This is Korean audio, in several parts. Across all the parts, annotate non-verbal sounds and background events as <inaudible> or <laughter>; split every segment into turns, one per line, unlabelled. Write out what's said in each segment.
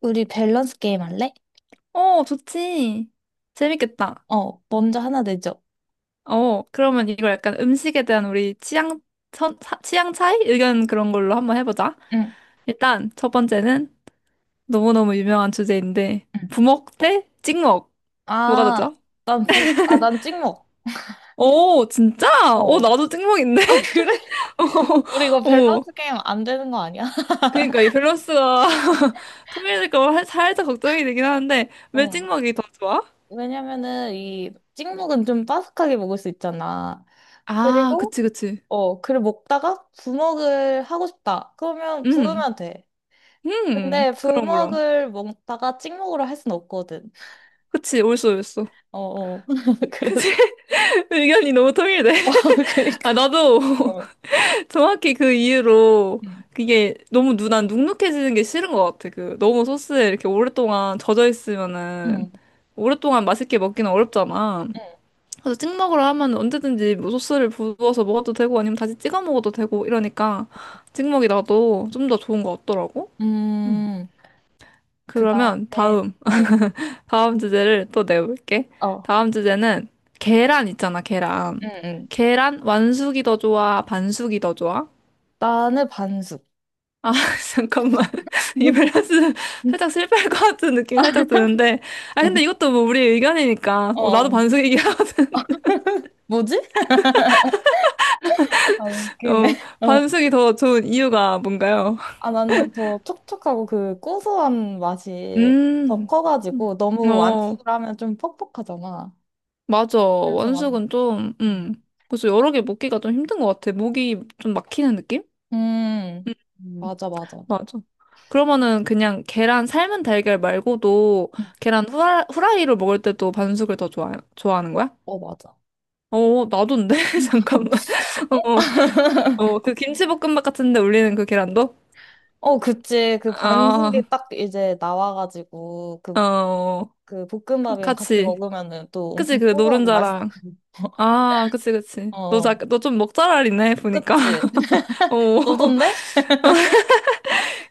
우리 밸런스 게임 할래?
어, 좋지. 재밌겠다.
어, 먼저 하나 내죠.
어, 그러면 이걸 약간 음식에 대한 우리 취향, 취향 차이? 의견 그런 걸로 한번 해보자.
응,
일단, 첫 번째는 너무너무 유명한 주제인데,
응.
부먹 대 찍먹. 뭐가 더
아,
좋아?
난 부, 아, 난 찍먹.
오, 진짜? 오,
어.
나도 찍먹인데?
아, 그래? <laughs>
<laughs>
우리 이거
어, 어.
밸런스 게임 안 되는 거 아니야? <laughs>
그러니까 이 밸런스가 <laughs> 통일될까 봐 살짝 걱정이 되긴 하는데, 왜
어.
찍먹이 더 좋아?
왜냐면은 이 찍먹은 좀 바삭하게 먹을 수 있잖아.
아,
그리고,
그치, 그치.
어, 그리고 먹다가 부먹을 하고 싶다. 그러면
음,
부으면 돼. 근데
그럼, 그럼.
부먹을 먹다가 찍먹으로 할 순 없거든.
그치, 옳소, 옳소.
어, 어. <laughs>
<laughs>
그래서,
그치? 의견이 너무 통일돼.
<laughs> 어,
아,
그니까.
나도
어.
<laughs> 정확히 그 이유로
응,
그게 난 눅눅해지는 게 싫은 것 같아. 그 너무 소스에 이렇게 오랫동안 젖어 있으면은
응.
오랫동안 맛있게 먹기는 어렵잖아.
응.
그래서 찍 먹으러 하면 언제든지 뭐 소스를 부어서 먹어도 되고 아니면 다시 찍어 먹어도 되고 이러니까 찍 먹이 나도 좀 더 좋은 것 같더라고.
음. 그
그러면
다음에,
다음,
어,
다음 주제를 또 내볼게.
어.
다음 주제는 계란 있잖아, 계란.
응, 응.
계란 완숙이 더 좋아, 반숙이 더 좋아?
나는 반숙.
아, <laughs> 잠깐만. <laughs> 이
<laughs>
밸런스 살짝 실패할 것 같은 느낌이 살짝 드는데. 아,
어.
근데 이것도 뭐 우리 의견이니까. 어, 나도
어,
반숙이긴 하거든.
뭐지? 아,
<laughs>
웃기네.
어,
<laughs> 어.
반숙이 더 좋은 이유가 뭔가요?
아, 나는 더 촉촉하고 그 고소한 맛이 더
음,
커가지고
음.
너무
어,
완숙을 하면 좀 퍽퍽하잖아.
맞아.
그래서 난,
원숙은 좀,
음,
그래서 여러 개 먹기가 좀 힘든 것 같아. 목이 좀 막히는 느낌?
음,
음, 음,
맞아, 맞아.
맞아. 그러면은 그냥 계란 삶은 달걀 말고도
응.
계란 후라이로 먹을 때도 반숙을 더 좋아, 좋아하는 거야?
어, 맞아.
어, 나도인데? <laughs> 잠깐만. 어, 어, 그 김치볶음밥 같은데 올리는 그 계란도?
어, 그치. 그
아,
반숙이 딱 이제 나와가지고 그,
어,
그 볶음밥이랑 같이
같이.
먹으면은 또
그치,
엄청
그
뽀고하고 맛있고.
노른자랑.
<laughs>
아, 그치, 그치.
어,
너좀 먹잘알이네, 보니까.
그치.
<laughs> 어, <laughs>
너던데?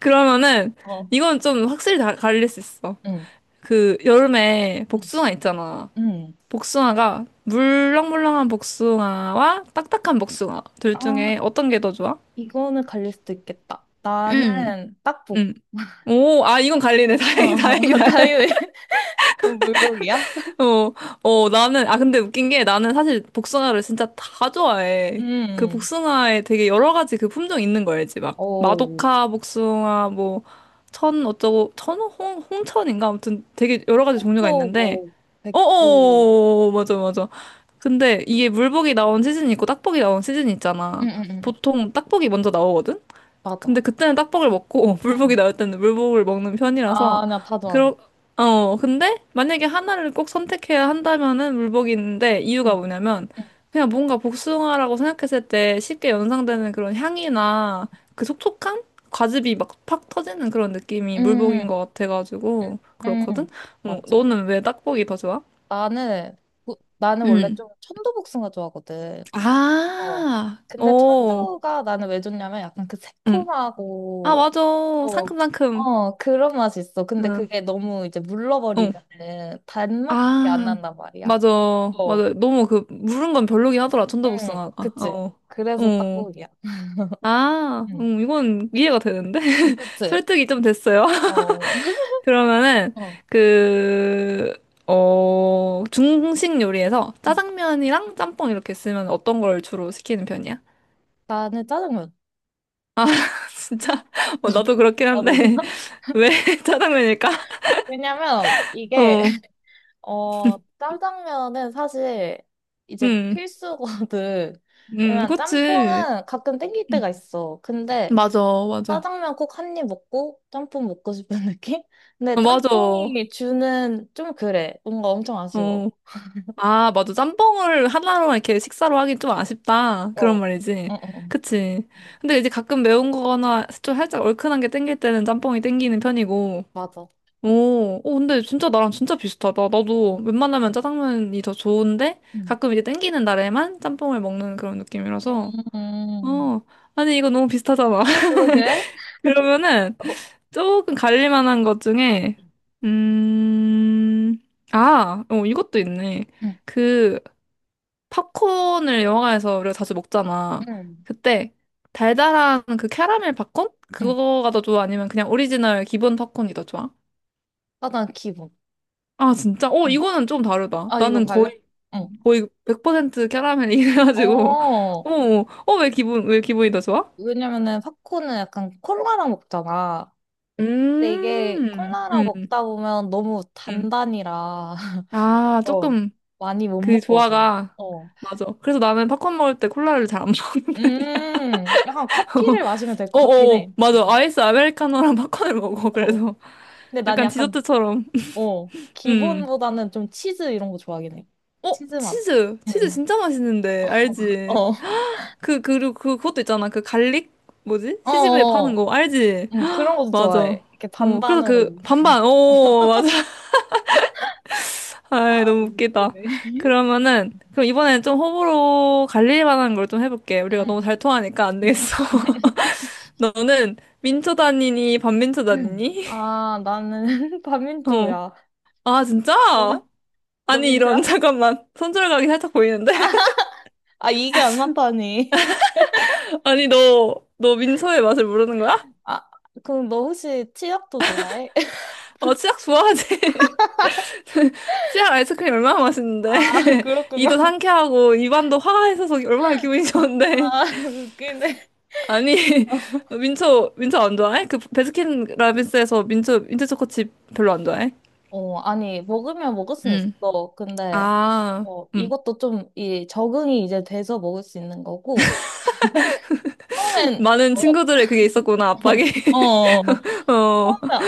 그러면은,
어,
이건 좀 확실히 다 갈릴 수 있어.
응,
그, 여름에 복숭아 있잖아.
응.
복숭아가, 물렁물렁한 복숭아와 딱딱한 복숭아. 둘
아,
중에 어떤 게 더 좋아?
이거는 갈릴 수도 있겠다.
음,
나는 딱복.
음. 오, 아, 이건 갈리네. <laughs> 다행이,
어,
다행이,
<laughs>
다행이다.
다이왜 <laughs> 물고기야?
어, 어, 나는, 아, 근데 웃긴 게 나는 사실 복숭아를 진짜 다 좋아해. 그
음,
복숭아에 되게 여러 가지 그 품종 있는 거 알지? 막,
어,
마도카 복숭아, 뭐, 천 어쩌고, 천, 홍, 홍천인가? 아무튼 되게 여러 가지 종류가
한도
있는데,
뭐, 백도.
어어, 맞아, 맞아. 근데 이게 물복이 나온 시즌이 있고 딱복이 나온 시즌이
응,
있잖아.
응, 응.
보통 딱복이 먼저 나오거든?
맞아.
근데 그때는 딱복을 먹고 <laughs>
응.
물복이 나올 때는 물복을 먹는 편이라서
아, 나 파전.
그러 어 근데 만약에 하나를 꼭 선택해야 한다면은 물복이 있는데 이유가
응.
뭐냐면
응,
그냥 뭔가 복숭아라고 생각했을 때 쉽게 연상되는 그런 향이나 그 촉촉함? 과즙이 막 팍 터지는 그런 느낌이
응,
물복인 것 같아가지고
응.
그렇거든? 어,
맞죠.
너는 왜 딱복이 더 좋아?
나는, 나는 원래
응.
좀 천도복숭아 좋아하거든. 어,
아,
근데
오,
천도가 나는 왜 좋냐면 약간 그
응. 아,
새콤하고
맞아.
어,
상큼상큼.
어, 그런 맛이 있어. 근데
응.
그게 너무 이제
어.
물러버리면은 단맛밖에 안
아,
난단 말이야.
맞아.
어,
맞아. 너무 그, 물은 건 별로긴 하더라.
응,
천도복숭아가.
그치.
어.
그래서
어.
딱국이야.
아,
응,
이건 이해가 되는데? <laughs>
그치.
설득이 좀 됐어요. <laughs>
어,
그러면은,
어.
그, 어, 중식 요리에서
응.
짜장면이랑 짬뽕 이렇게 쓰면 어떤 걸 주로 시키는 편이야?
나는 짜장면.
<laughs> 진짜? 어,
<laughs>
나도 그렇긴
아, 너는?
한데,
<laughs>
<laughs> 왜 <laughs> 짜장면일까?
왜냐면 이게,
어,
<laughs> 어, 짜장면은 사실 이제
음,
필수거든. 왜냐면
그치.
짬뽕은 가끔 땡길
음,
때가 있어. 근데
맞아, 맞아.
짜장면 꼭 한입 먹고 짬뽕 먹고 싶은 <laughs> 느낌? 근데
어, 맞아.
짬뽕이 주는 좀 그래. 뭔가 엄청 아쉬워.
어. 아, 맞아. 짬뽕을 하나로만 이렇게 식사로 하긴 좀 아쉽다.
어.
그런 말이지.
응, 응, 응.
그치.
응.
근데 이제 가끔 매운 거나 좀 살짝 얼큰한 게 땡길 때는 짬뽕이 땡기는 편이고.
맞아.
오, 오, 근데 진짜 나랑 진짜 비슷하다. 나도
어.
웬만하면 짜장면이 더 좋은데
응.
가끔 이제 땡기는 날에만 짬뽕을 먹는 그런 느낌이라서.
음.
어, 아니, 이거 너무 비슷하잖아. <laughs>
그러게.
그러면은
어.
조금 갈릴만한 것 중에, 음, 아, 어, 이것도 있네.
응,
그, 팝콘을 영화관에서 우리가 자주 먹잖아.
응.
그때 달달한 그 캐러멜 팝콘?
응.
그거가 더 좋아? 아니면 그냥 오리지널 기본 팝콘이 더 좋아?
짜장 기본.
아, 진짜? 어,
응.
이거는 좀 다르다.
아,
나는
이건 갈려?
거의,
응.
거의 100% 캐러멜 이래가지고. <laughs>
어,
어, 어, 왜 기분이 더 좋아?
왜냐면은 팝콘은 약간 콜라랑 먹잖아. 근데 이게
음,
콜라랑
음,
먹다 보면 너무
음.
단단이라 <laughs>
아,
어.
조금
많이 못
그
먹거든.
조화가,
어.
맞아. 그래서 나는 팝콘 먹을 때 콜라를 잘 안 먹는 편이야.
약간 커피를 마시면 될
<laughs>
것 같긴
어어
해.
맞아 아이스 아메리카노랑 팝콘을 먹어
어.
그래서
근데 난
약간
약간,
디저트처럼.
어,
음.
기본보다는 좀 치즈 이런 거 좋아하긴 해.
어,
치즈 맛.
치즈. 치즈
응.
진짜 맛있는데.
어, <laughs>
알지? 그, 그리고 그, 그것도 있잖아. 그 갈릭? 뭐지?
어,
시집에
어,
파는
어.
거. 알지?
응, 그런 것도
맞아.
좋아해. 이렇게
어, 그래서 그,
반반으로.
반반. 오, 맞아. <laughs> 아이,
아,
너무 웃기다.
그래.
그러면은, 그럼 이번엔 좀 호불호 갈릴 만한 걸 좀 해볼게. 우리가
응,
너무 잘 통하니까 안
응.
되겠어. <laughs> 너는 민초 다니니, 반민초
<clears throat> 응.
다니니?
아, 나는 <laughs>
<laughs> 어.
반민초야.
아, 진짜?
너는? 너
아니, 이런, <laughs>
민초야?
잠깐만. 손절각이 살짝 보이는데?
아, 이게 안 맞다니.
아니, 너, 너 민서의 맛을 모르는 거야?
아, 그럼 너 혹시 치약도 좋아해? <laughs>
어, 치약 좋아하지? <laughs> 치약 아이스크림 얼마나 맛있는데.
아, 그렇구나.
이도 상쾌하고, 입안도 화가 있어서 얼마나 기분이 좋은데.
아, <laughs> 웃기네.
아니, <laughs> 민초, 민초 안 좋아해? 그, 베스킨라빈스에서 민초, 민초 초코칩 별로 안 좋아해?
어, 아니, 먹으면 먹을 수는
응.
있어. 근데,
아,
어,
응.
이것도 좀, 이, 적응이 이제 돼서 먹을 수 있는 거고, 처음엔,
많은
어,
친구들의 그게 있었구나, 압박이.
<laughs> 어, 어.
<laughs> 어,
처음에,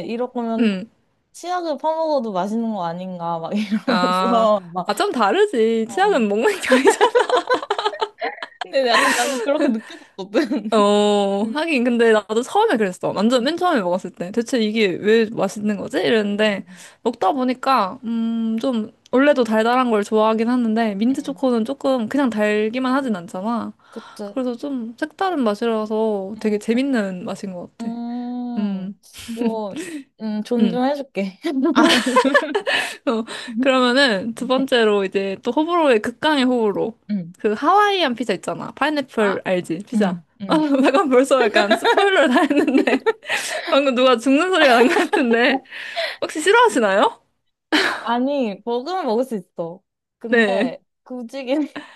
아니, 이러면
응.
치약을 퍼먹어도 맛있는 거 아닌가, 막 이러면서,
아,
<laughs> 막,
아, 좀 다르지.
어.
치약은 먹는 게 아니잖아.
근데 약간 나는 그렇게 느껴졌거든. <laughs>
어,
음.
하긴, 근데 나도 처음에 그랬어. 완전 맨 처음에 먹었을 때. 대체 이게 왜 맛있는 거지? 이랬는데,
음,
먹다 보니까, 좀, 원래도 달달한 걸 좋아하긴 하는데, 민트
음.
초코는 조금 그냥 달기만 하진 않잖아.
그치.
그래서 좀 색다른 맛이라서 되게
음,
재밌는 맛인 것 같아. 음,
음, 뭐,
음.
존중해줄게.
아, <laughs>
<laughs>
그러면은 두 번째로 이제 또 호불호의 극강의 호불호.
음.
그 하와이안 피자 있잖아. 파인애플
아,
알지? 피자.
음,
<laughs> 아,
음.
잠깐 벌써 약간 스포일러를 다 했는데. 방금 누가 죽는 소리가 난 것 같은데. 혹시 싫어하시나요?
아, 아니, 먹으면 먹을 수 있어.
네.
근데, 굳이긴, <laughs>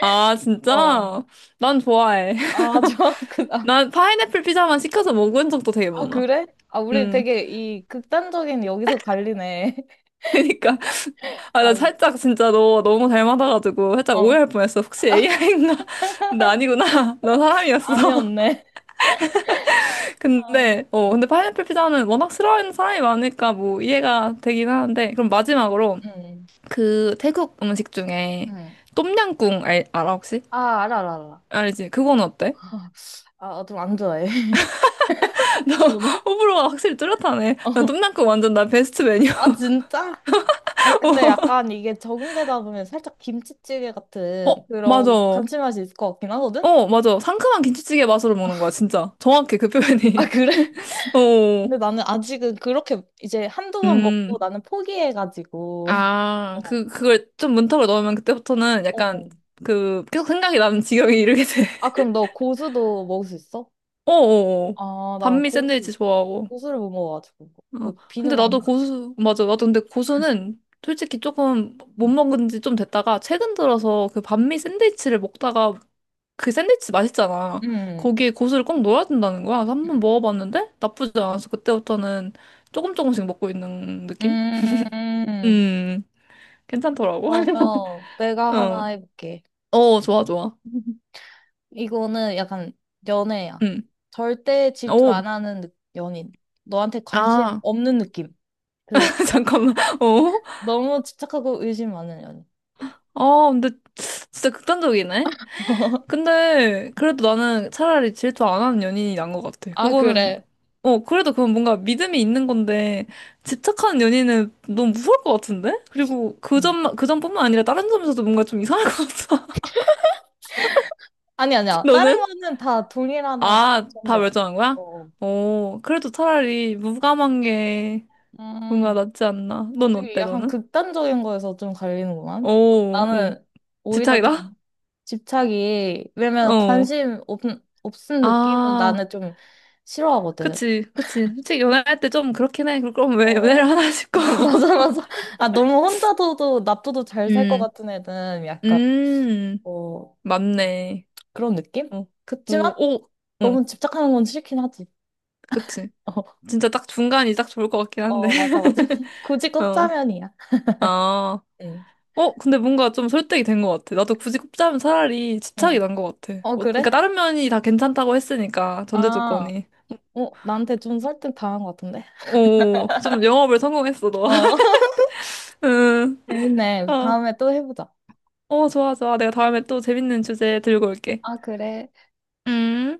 아,
어.
진짜? 난 좋아해. <laughs>
아, 저, <laughs> 그, 아,
난 파인애플 피자만 시켜서 먹은 적도 되게
아,
많아.
그래? 아, 우리
음,
되게 이 극단적인 여기서 갈리네. <laughs>
<laughs> 그니까. 아, 나
아,
살짝 진짜 너 너무 닮아가지고 살짝
어,
오해할 뻔했어. 혹시 AI인가? 나 <laughs> 아니구나. <laughs> 나 사람이었어.
아니었네.
<laughs>
아,
근데, 어,
어.
근데 파인애플 피자는 워낙 싫어하는 사람이 많으니까 뭐 이해가 되긴 하는데. 그럼 마지막으로
응,
그 태국 음식 중에
응.
똠양꿍 알아 혹시?
아, 알아, 알아, 알아.
알지? 그건 어때?
<laughs> 아, 좀 안 좋아해. <laughs>
나
오늘?
<laughs> 호불호가 확실히 뚜렷하네. 나
어.
똠양꿍 완전 나 베스트 메뉴.
아, 진짜? 아니, 근데 약간 이게 적응되다 보면 살짝 김치찌개
<laughs>
같은
어, 맞아.
그런 감칠맛이 있을 것 같긴 하거든?
어, 맞아. 상큼한 김치찌개 맛으로 먹는 거야, 진짜. 정확해, 그
아,
표현이.
그래?
<laughs> 어,
근데 나는 아직은 그렇게 이제 한두 번 먹고
음.
나는 포기해가지고. <laughs>
아,
어,
그, 그걸 좀 문턱을 넣으면 그때부터는 약간
어.
그, 계속 생각이 나는 지경에 이르게 돼.
아,
<laughs>
그럼 너 고수도 먹을 수 있어?
어어어.
아, 난
반미
고수.
샌드위치 좋아하고.
고수를 못 먹어가지고.
어,
그
근데
비누만 안
나도
가지고.
고수, 맞아. 나도 근데 고수는 솔직히 조금 못 먹은 지 좀 됐다가 최근 들어서 그 반미 샌드위치를 먹다가 그 샌드위치 맛있잖아.
음.
거기에 고수를 꼭 넣어야 된다는 거야. 그래서 한번
음.
먹어봤는데 나쁘지 않아서 그때부터는 조금 조금씩 먹고 있는 느낌?
음.
음, 괜찮더라고.
그러면
<laughs>
내가
어,
하나 해볼게.
어, 좋아, 좋아.
<laughs> 이거는 약간 연애야.
음,
절대 질투
오,
안 하는 느- 연인. 너한테 관심
아,
없는 느낌. 그게
<laughs> 잠깐만. 어,
너무 집착하고 의심 많은 연인.
아, 근데 진짜 극단적이네.
<laughs>
근데 그래도 나는 차라리 질투 안 하는 연인이 난 것 같아.
아,
그거는
그래.
어 그래도 그건 뭔가 믿음이 있는 건데 집착하는 연인은 너무 무서울 것 같은데? 그리고 그
음.
점만 그 점뿐만 아니라 다른 점에서도 뭔가 좀 이상할 것 같아.
아니,
<laughs>
아니야. 다른
너는?
거는 다 동일하다
아, 다
전제야.
멸종한 거야?
어.
어 그래도 차라리 무감한 게 뭔가
음,
낫지 않나. 넌
우리
어때,
약간
너는?
극단적인 거에서 좀
오,
갈리는구만.
어,
나는 오히려
집착이다?
좀 집착이, 왜냐면
어.
관심 없, 없은 느낌은
아,
나는 좀 싫어하거든.
그치, 그치. 솔직히 연애할 때 좀 그렇긴 해. 그럼
어,
왜
어,
연애를
어.
하나 싶고.
<laughs>
<laughs>
맞아, 맞아. 아, 너무 혼자서도 놔둬도 잘 살 것
음.
같은 애는 약간,
음,
어,
맞네.
그런 느낌?
어,
그치만
오, 오, 응,
너무 집착하는 건 싫긴 하지.
그치.
<laughs>
진짜 딱 중간이 딱 좋을 것 같긴
어,
한데.
어, 맞아,
<laughs>
맞아. <laughs> 굳이
어,
꼽자면이야.
아,
응.
어, 근데 뭔가 좀 설득이 된 것 같아. 나도 굳이 꼽자면 차라리 집착이
응.
난 것 같아.
어,
어, 그러니까
그래?
다른 면이 다 괜찮다고 했으니까, 전제
아,
조건이.
어, 나한테 좀 설득 당한 것 같은데?
오, 좀 영업을 성공했어, 너.
어,
<laughs>
<laughs>
응,
재밌네.
어,
다음에 또 해보자.
어, 좋아, 좋아. 내가 다음에 또 재밌는 주제 들고 올게.
아, 그래.
음.